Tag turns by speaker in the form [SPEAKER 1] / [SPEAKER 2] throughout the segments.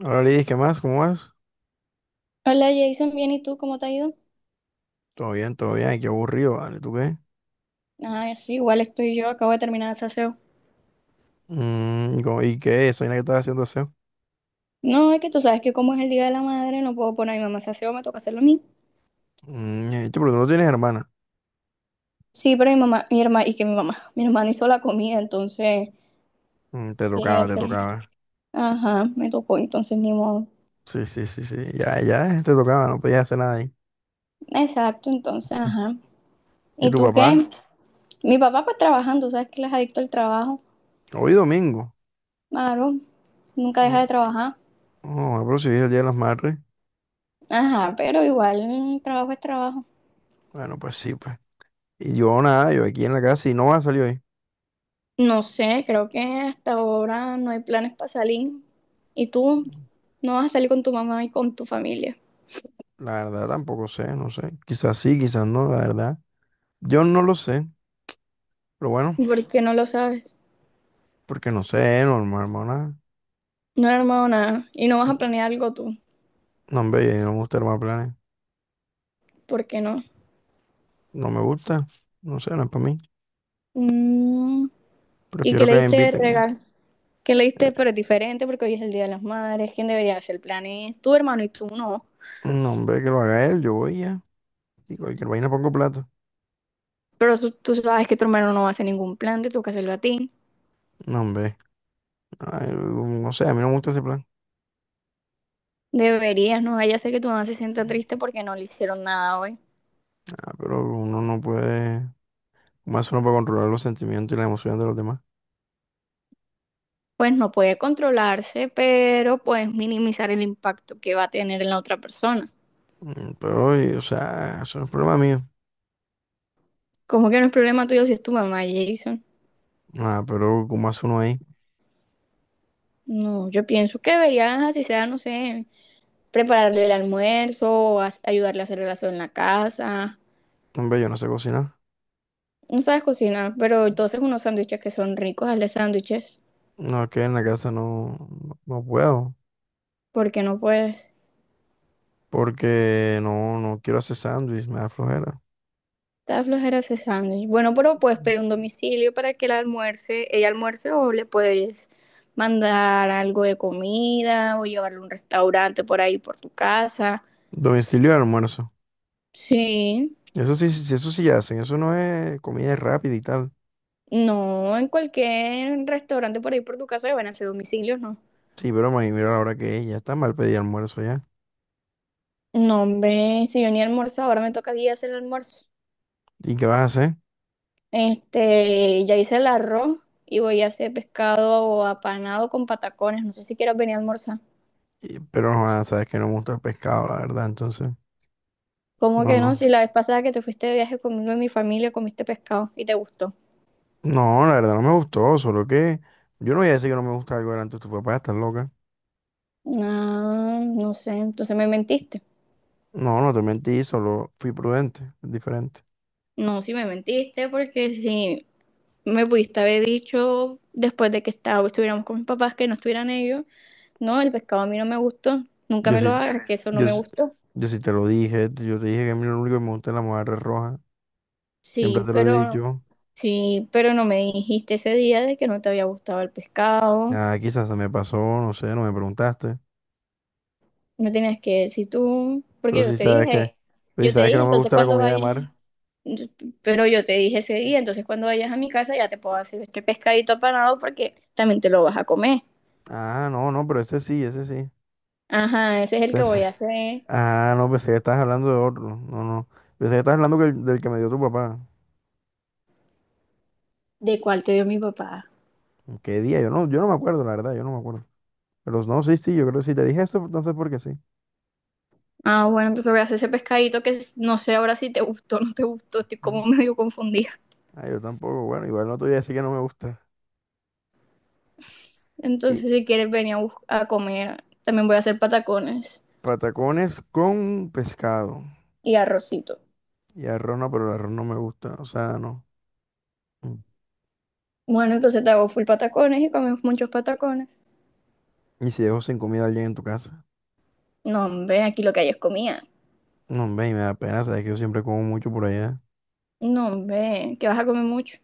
[SPEAKER 1] Hola Lidis, ¿qué más? ¿Cómo vas?
[SPEAKER 2] Hola Jason, bien, ¿y tú cómo te ha ido?
[SPEAKER 1] Todo bien, todo bien. Ay, qué aburrido, ¿vale? ¿Tú qué?
[SPEAKER 2] Ah, sí, igual estoy yo, acabo de terminar el saseo.
[SPEAKER 1] Mm, ¿y qué? Soy la que estaba haciendo aseo.
[SPEAKER 2] No, es que tú sabes que como es el Día de la Madre, no puedo poner a mi mamá a saseo, me toca hacerlo a mí.
[SPEAKER 1] Mm, che, pero tú no tienes hermana.
[SPEAKER 2] Sí, pero mi mamá, mi hermana, mi hermana hizo la comida, entonces,
[SPEAKER 1] Mm, te
[SPEAKER 2] ¿qué
[SPEAKER 1] tocaba, te
[SPEAKER 2] hacer?
[SPEAKER 1] tocaba.
[SPEAKER 2] Ajá, me tocó, entonces ni modo.
[SPEAKER 1] Sí, sí, sí, sí. Ya, ya, te tocaba, no podías hacer nada ahí.
[SPEAKER 2] Exacto, entonces, ajá.
[SPEAKER 1] ¿Y
[SPEAKER 2] ¿Y
[SPEAKER 1] tu
[SPEAKER 2] tú
[SPEAKER 1] papá?
[SPEAKER 2] qué? Mi papá pues trabajando, sabes que él es adicto al trabajo,
[SPEAKER 1] Hoy domingo.
[SPEAKER 2] claro, nunca deja de
[SPEAKER 1] No,
[SPEAKER 2] trabajar.
[SPEAKER 1] no, ah, pero si hoy es el Día de las Madres.
[SPEAKER 2] Ajá, pero igual, trabajo es trabajo.
[SPEAKER 1] Bueno, pues sí, pues. Y yo nada, yo aquí en la casa y no va a salir hoy.
[SPEAKER 2] No sé, creo que hasta ahora no hay planes para salir. Y tú no vas a salir con tu mamá y con tu familia.
[SPEAKER 1] La verdad tampoco sé, no sé. Quizás sí, quizás no, la verdad. Yo no lo sé, pero bueno,
[SPEAKER 2] ¿Por qué no lo sabes?
[SPEAKER 1] porque no sé, normal, hermana.
[SPEAKER 2] No he armado nada. Y no vas a planear algo tú.
[SPEAKER 1] No, hombre, a mí no me gusta armar planes.
[SPEAKER 2] ¿Por qué no?
[SPEAKER 1] No me gusta. No sé, no es para mí.
[SPEAKER 2] Mm, ¿Y qué
[SPEAKER 1] Prefiero
[SPEAKER 2] le
[SPEAKER 1] que me
[SPEAKER 2] diste de
[SPEAKER 1] inviten.
[SPEAKER 2] regalo? ¿Qué le diste?
[SPEAKER 1] Eh,
[SPEAKER 2] Pero es diferente porque hoy es el Día de las Madres. ¿Quién debería hacer planes? Tu hermano y tú no.
[SPEAKER 1] no, hombre, que lo haga él, yo voy ya. Y cualquier vaina pongo plata.
[SPEAKER 2] Pero tú sabes que tu hermano no va a hacer ningún plan, te toca hacerlo a ti.
[SPEAKER 1] No, hombre. Ay, no sé, a mí no me gusta ese plan.
[SPEAKER 2] Deberías, no vaya a ser que tu mamá se sienta triste porque no le hicieron nada hoy.
[SPEAKER 1] Ah, pero uno no puede. Más uno puede controlar los sentimientos y las emociones de los demás.
[SPEAKER 2] Pues no puede controlarse, pero puedes minimizar el impacto que va a tener en la otra persona.
[SPEAKER 1] Pero, o sea, eso no es problema mío.
[SPEAKER 2] ¿Cómo que no es problema tuyo si es tu mamá, Jason?
[SPEAKER 1] Ah, ¿pero como hace uno ahí?
[SPEAKER 2] No, yo pienso que deberías, así sea, no sé, prepararle el almuerzo, o ayudarle a hacer el asado en la casa.
[SPEAKER 1] No, hombre, yo no sé cocinar.
[SPEAKER 2] No sabes cocinar, pero entonces unos sándwiches que son ricos, hazle sándwiches,
[SPEAKER 1] No, es que en la casa no, no puedo.
[SPEAKER 2] porque no puedes.
[SPEAKER 1] Porque no, no quiero hacer sándwich, me da flojera.
[SPEAKER 2] Está flojera ese sándwich. Bueno, pero puedes pedir un domicilio para que ella almuerce o le puedes mandar algo de comida o llevarle a un restaurante por ahí por tu casa.
[SPEAKER 1] Domicilio de almuerzo.
[SPEAKER 2] Sí,
[SPEAKER 1] Eso sí, sí, eso sí hacen. Eso no es comida rápida y tal.
[SPEAKER 2] no, en cualquier restaurante por ahí por tu casa le van a hacer domicilios, ¿no?
[SPEAKER 1] Sí, pero me mira la hora que es. Ya está mal pedir almuerzo ya.
[SPEAKER 2] No, hombre, si yo ni almuerzo, ahora me toca a mí hacer el almuerzo.
[SPEAKER 1] ¿Y qué vas a hacer?
[SPEAKER 2] Ya hice el arroz y voy a hacer pescado apanado con patacones. No sé si quieres venir a almorzar.
[SPEAKER 1] Pero no, ah, sabes que no me gusta el pescado, la verdad. Entonces,
[SPEAKER 2] ¿Cómo
[SPEAKER 1] no,
[SPEAKER 2] que no? Si
[SPEAKER 1] no.
[SPEAKER 2] la vez pasada que te fuiste de viaje conmigo y mi familia comiste pescado y te gustó.
[SPEAKER 1] No, la verdad no me gustó. Solo que yo no voy a decir que no me gusta algo delante de tu papá. Estás loca.
[SPEAKER 2] Ah, no sé, entonces me mentiste.
[SPEAKER 1] No, no te mentí. Solo fui prudente. Es diferente.
[SPEAKER 2] No, sí me mentiste porque si me pudiste haber dicho después de que estuviéramos con mis papás que no estuvieran ellos, no, el pescado a mí no me gustó, nunca
[SPEAKER 1] Yo
[SPEAKER 2] me lo
[SPEAKER 1] sí,
[SPEAKER 2] hagas, que eso no
[SPEAKER 1] yo,
[SPEAKER 2] me
[SPEAKER 1] sí-
[SPEAKER 2] gustó.
[SPEAKER 1] yo sí te lo dije. Yo te dije que a mí lo único que me gusta es la mojarra roja. Siempre
[SPEAKER 2] Sí,
[SPEAKER 1] te lo he
[SPEAKER 2] pero
[SPEAKER 1] dicho.
[SPEAKER 2] sí, pero no me dijiste ese día de que no te había gustado el pescado.
[SPEAKER 1] Ah, quizás se me pasó, no sé, no me preguntaste.
[SPEAKER 2] No tenías que decir tú, porque
[SPEAKER 1] Pero
[SPEAKER 2] yo
[SPEAKER 1] si
[SPEAKER 2] te
[SPEAKER 1] sabes que,
[SPEAKER 2] dije,
[SPEAKER 1] pero si
[SPEAKER 2] yo te
[SPEAKER 1] sabes que
[SPEAKER 2] dije,
[SPEAKER 1] no me
[SPEAKER 2] entonces
[SPEAKER 1] gusta la
[SPEAKER 2] cuando
[SPEAKER 1] comida de
[SPEAKER 2] vayas.
[SPEAKER 1] mar.
[SPEAKER 2] Pero yo te dije ese día, entonces cuando vayas a mi casa ya te puedo hacer este pescadito apanado porque también te lo vas a comer.
[SPEAKER 1] Ah, no, no, pero ese sí, ese sí.
[SPEAKER 2] Ajá, ese es el que voy
[SPEAKER 1] Pensé-
[SPEAKER 2] a hacer.
[SPEAKER 1] ah, no, pensé que estabas hablando de otro. No, no. Pensé que estabas hablando del que me dio tu papá.
[SPEAKER 2] ¿De cuál te dio mi papá?
[SPEAKER 1] ¿Qué día? Yo no me acuerdo, la verdad, yo no me acuerdo. Pero no, sí, sí, yo creo que si te dije eso, entonces porque sí.
[SPEAKER 2] Ah, bueno, entonces voy a hacer ese pescadito que no sé ahora si te gustó o no te gustó, estoy
[SPEAKER 1] Mm.
[SPEAKER 2] como medio confundida.
[SPEAKER 1] Ah, yo tampoco. Bueno, igual no te voy a decir que no me gusta. Y
[SPEAKER 2] Entonces, si quieres venir a comer, también voy a hacer patacones
[SPEAKER 1] patacones con pescado.
[SPEAKER 2] y arrocito.
[SPEAKER 1] Y arroz no, pero el arroz no me gusta. O sea, no. Mm.
[SPEAKER 2] Bueno, entonces te hago full patacones y comemos muchos patacones.
[SPEAKER 1] ¿Y si dejo sin comida a alguien en tu casa?
[SPEAKER 2] No, hombre, aquí lo que hay es comida.
[SPEAKER 1] No, hombre, y me da pena, sabes que yo siempre como mucho por allá.
[SPEAKER 2] No, hombre, que vas a comer mucho.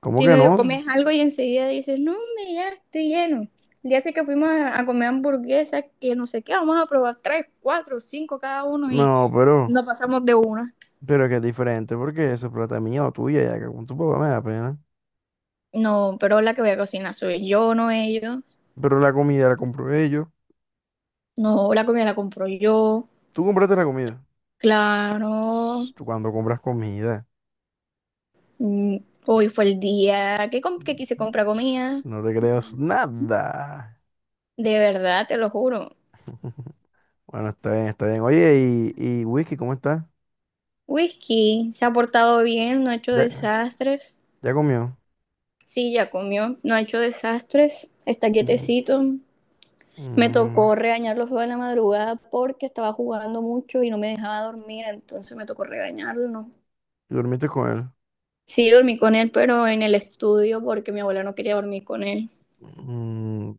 [SPEAKER 1] ¿Cómo
[SPEAKER 2] Si
[SPEAKER 1] que
[SPEAKER 2] medio
[SPEAKER 1] no?
[SPEAKER 2] comes algo y enseguida dices, no, hombre, ya estoy lleno. El día ese que fuimos a comer hamburguesas, que no sé qué, vamos a probar tres, cuatro, cinco cada uno y
[SPEAKER 1] No,
[SPEAKER 2] no pasamos de una.
[SPEAKER 1] pero es que es diferente porque esa es plata es mía o tuya, ya que con tu papá me da pena.
[SPEAKER 2] No, pero la que voy a cocinar soy yo, no ellos.
[SPEAKER 1] Pero la comida la compro ellos.
[SPEAKER 2] No, la comida la compro yo,
[SPEAKER 1] Tú compraste la comida. Ps,
[SPEAKER 2] claro.
[SPEAKER 1] tú cuando compras comida,
[SPEAKER 2] Mm, Hoy fue el día que quise comprar
[SPEAKER 1] ps,
[SPEAKER 2] comida.
[SPEAKER 1] no te creas nada.
[SPEAKER 2] De verdad, te lo juro.
[SPEAKER 1] Bueno, está bien, está bien. Oye, y Whisky, ¿cómo está?
[SPEAKER 2] Whisky se ha portado bien, no ha hecho
[SPEAKER 1] ¿Ya,
[SPEAKER 2] desastres.
[SPEAKER 1] ¿ya comió?
[SPEAKER 2] Sí, ya comió, no ha hecho desastres. Está
[SPEAKER 1] Mm,
[SPEAKER 2] quietecito. Me
[SPEAKER 1] mm,
[SPEAKER 2] tocó regañarlo fue en la madrugada porque estaba jugando mucho y no me dejaba dormir, entonces me tocó regañarlo, ¿no?
[SPEAKER 1] ¿y ¿dormiste con él?
[SPEAKER 2] Sí, dormí con él, pero en el estudio porque mi abuela no quería dormir con él
[SPEAKER 1] Mm,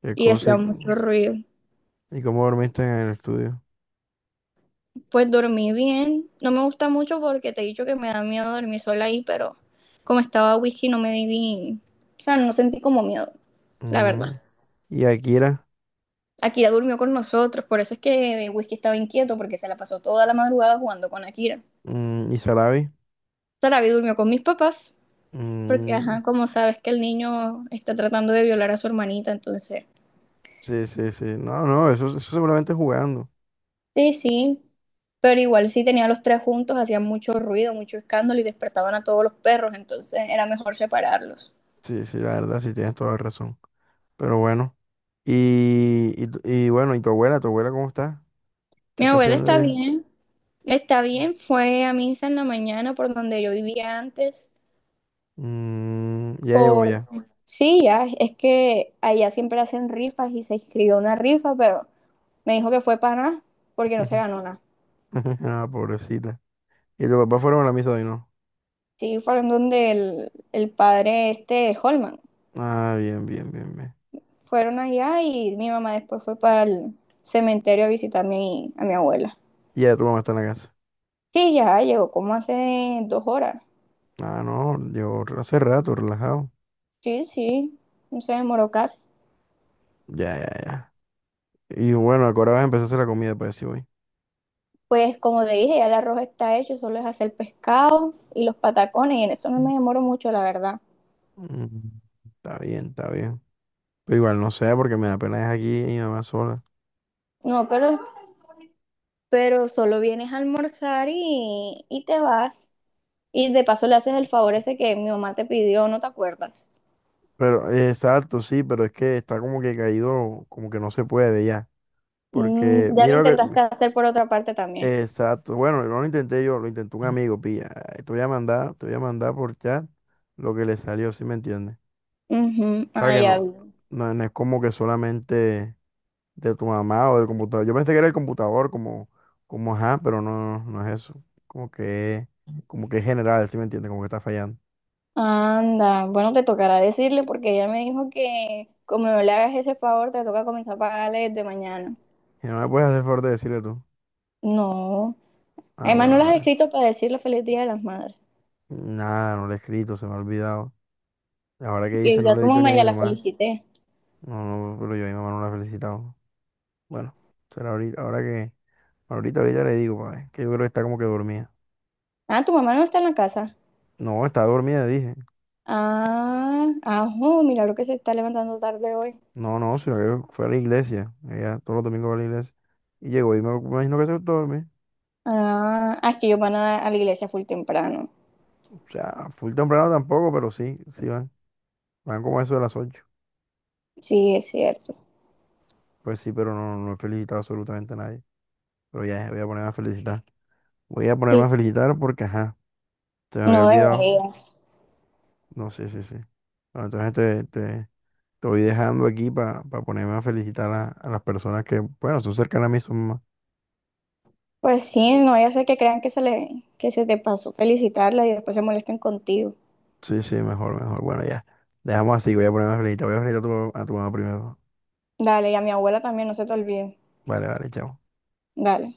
[SPEAKER 1] ¿qué
[SPEAKER 2] y
[SPEAKER 1] cosa?
[SPEAKER 2] hacía mucho ruido.
[SPEAKER 1] ¿Y cómo dormiste en el estudio?
[SPEAKER 2] Pues dormí bien, no me gusta mucho porque te he dicho que me da miedo dormir sola ahí, pero como estaba whisky no me di, o sea, no sentí como miedo, la verdad.
[SPEAKER 1] Mm, y Akira.
[SPEAKER 2] Akira durmió con nosotros, por eso es que Whisky estaba inquieto porque se la pasó toda la madrugada jugando con Akira.
[SPEAKER 1] Mm, y Sarabi.
[SPEAKER 2] Sarabi durmió con mis papás. Porque,
[SPEAKER 1] Mm,
[SPEAKER 2] ajá, como sabes que el niño está tratando de violar a su hermanita, entonces,
[SPEAKER 1] sí, sí, sí. No, no, eso seguramente es jugando.
[SPEAKER 2] sí, sí, pero igual si tenían los tres juntos, hacían mucho ruido, mucho escándalo y despertaban a todos los perros, entonces era mejor separarlos.
[SPEAKER 1] Sí, sí, la verdad, sí tienes toda la razón. Pero bueno. Y bueno, ¿y tu abuela? ¿Tu abuela cómo está? ¿Qué
[SPEAKER 2] Mi
[SPEAKER 1] está
[SPEAKER 2] abuela
[SPEAKER 1] haciendo ella?
[SPEAKER 2] está bien, fue a misa en la mañana por donde yo vivía antes,
[SPEAKER 1] Mm, ya llegó
[SPEAKER 2] por...
[SPEAKER 1] ya.
[SPEAKER 2] Sí, ya, es que allá siempre hacen rifas y se inscribió una rifa, pero me dijo que fue para nada, porque no se ganó nada.
[SPEAKER 1] Ah, pobrecita. ¿Y tu papá fueron a la misa de hoy, no?
[SPEAKER 2] Sí, fueron donde el padre este, Holman.
[SPEAKER 1] Ah, bien, bien, bien, bien.
[SPEAKER 2] Fueron allá y mi mamá después fue para el cementerio a visitar a mi abuela.
[SPEAKER 1] Y ya tu mamá está en la casa.
[SPEAKER 2] Sí, ya llegó como hace 2 horas.
[SPEAKER 1] Ah, no, yo hace rato, relajado.
[SPEAKER 2] Sí, sí, no se demoró casi.
[SPEAKER 1] Ya, ya, ya. Y bueno, ahora vas a empezar a hacer la comida, para decir voy.
[SPEAKER 2] Pues como te dije, ya el arroz está hecho, solo es hacer pescado y los patacones, y en eso no me demoro mucho, la verdad.
[SPEAKER 1] Mm, está bien, está bien. Pero igual no sé, porque me da pena dejar aquí a mi mamá sola.
[SPEAKER 2] No, pero solo vienes a almorzar y te vas. Y de paso le haces el favor ese que mi mamá te pidió, ¿no te acuerdas?
[SPEAKER 1] Pero, exacto, sí, pero es que está como que caído, como que no se puede ya. Porque,
[SPEAKER 2] Ya lo
[SPEAKER 1] mira lo que.
[SPEAKER 2] intentaste hacer por otra parte también.
[SPEAKER 1] Exacto. Bueno, no lo intenté yo, lo intentó un amigo, pilla. Te voy a mandar por chat lo que le salió, si me entiendes.
[SPEAKER 2] Ujú.
[SPEAKER 1] O sea
[SPEAKER 2] Ah,
[SPEAKER 1] que
[SPEAKER 2] ya
[SPEAKER 1] no,
[SPEAKER 2] vi.
[SPEAKER 1] no es como que solamente de tu mamá o del computador. Yo pensé que era el computador, como, como ajá, pero no, no es eso. Como que es general, si me entiendes, como que está fallando.
[SPEAKER 2] Anda, bueno, te tocará decirle porque ella me dijo que como no le hagas ese favor, te toca comenzar a pagarle desde mañana.
[SPEAKER 1] ¿Y no me puedes hacer el favor de decirle tú?
[SPEAKER 2] No,
[SPEAKER 1] Ah,
[SPEAKER 2] además no
[SPEAKER 1] bueno,
[SPEAKER 2] las has
[SPEAKER 1] vale.
[SPEAKER 2] escrito para decirle feliz Día de las Madres.
[SPEAKER 1] Nada, no le he escrito, se me ha olvidado. Ahora que dice,
[SPEAKER 2] Que
[SPEAKER 1] no
[SPEAKER 2] ya
[SPEAKER 1] le
[SPEAKER 2] tu
[SPEAKER 1] he dicho ni
[SPEAKER 2] mamá
[SPEAKER 1] a mi
[SPEAKER 2] ya la
[SPEAKER 1] mamá.
[SPEAKER 2] felicité.
[SPEAKER 1] No, no, pero yo a mi mamá no la he felicitado. Bueno, será ahorita, ahorita le digo, pa, que yo creo que está como que dormida.
[SPEAKER 2] Ah, ¿tu mamá no está en la casa?
[SPEAKER 1] No, está dormida, dije.
[SPEAKER 2] Ah, ajo, milagro que se está levantando tarde hoy.
[SPEAKER 1] No, no, sino que fue a la iglesia. Ella todos los domingos va a la iglesia. Y llegó y me imagino que se duerme.
[SPEAKER 2] Ah, ah, es que ellos van a la iglesia full temprano.
[SPEAKER 1] O sea, full temprano tampoco, pero sí, sí van. Van como a eso de las 8.
[SPEAKER 2] Sí, es cierto.
[SPEAKER 1] Pues sí, pero no, no he felicitado absolutamente a nadie. Pero ya voy a ponerme a felicitar. Voy a ponerme
[SPEAKER 2] Sí,
[SPEAKER 1] a
[SPEAKER 2] sí.
[SPEAKER 1] felicitar porque, ajá, se me había
[SPEAKER 2] No
[SPEAKER 1] olvidado.
[SPEAKER 2] deberías.
[SPEAKER 1] No, sí, sí, sí. Bueno, entonces te, te, te voy dejando aquí para ponerme a felicitar a las personas que, bueno, son cercanas a mí, son más.
[SPEAKER 2] Pues sí, no vaya a ser que crean que se te pasó felicitarla y después se molesten contigo.
[SPEAKER 1] Sí, sí, mejor, mejor. Bueno, ya. Dejamos así, voy a ponerme a felicitar. Voy a felicitar a a tu mamá primero.
[SPEAKER 2] Dale, y a mi abuela también, no se te olvide.
[SPEAKER 1] Vale, vale, chao.
[SPEAKER 2] Dale.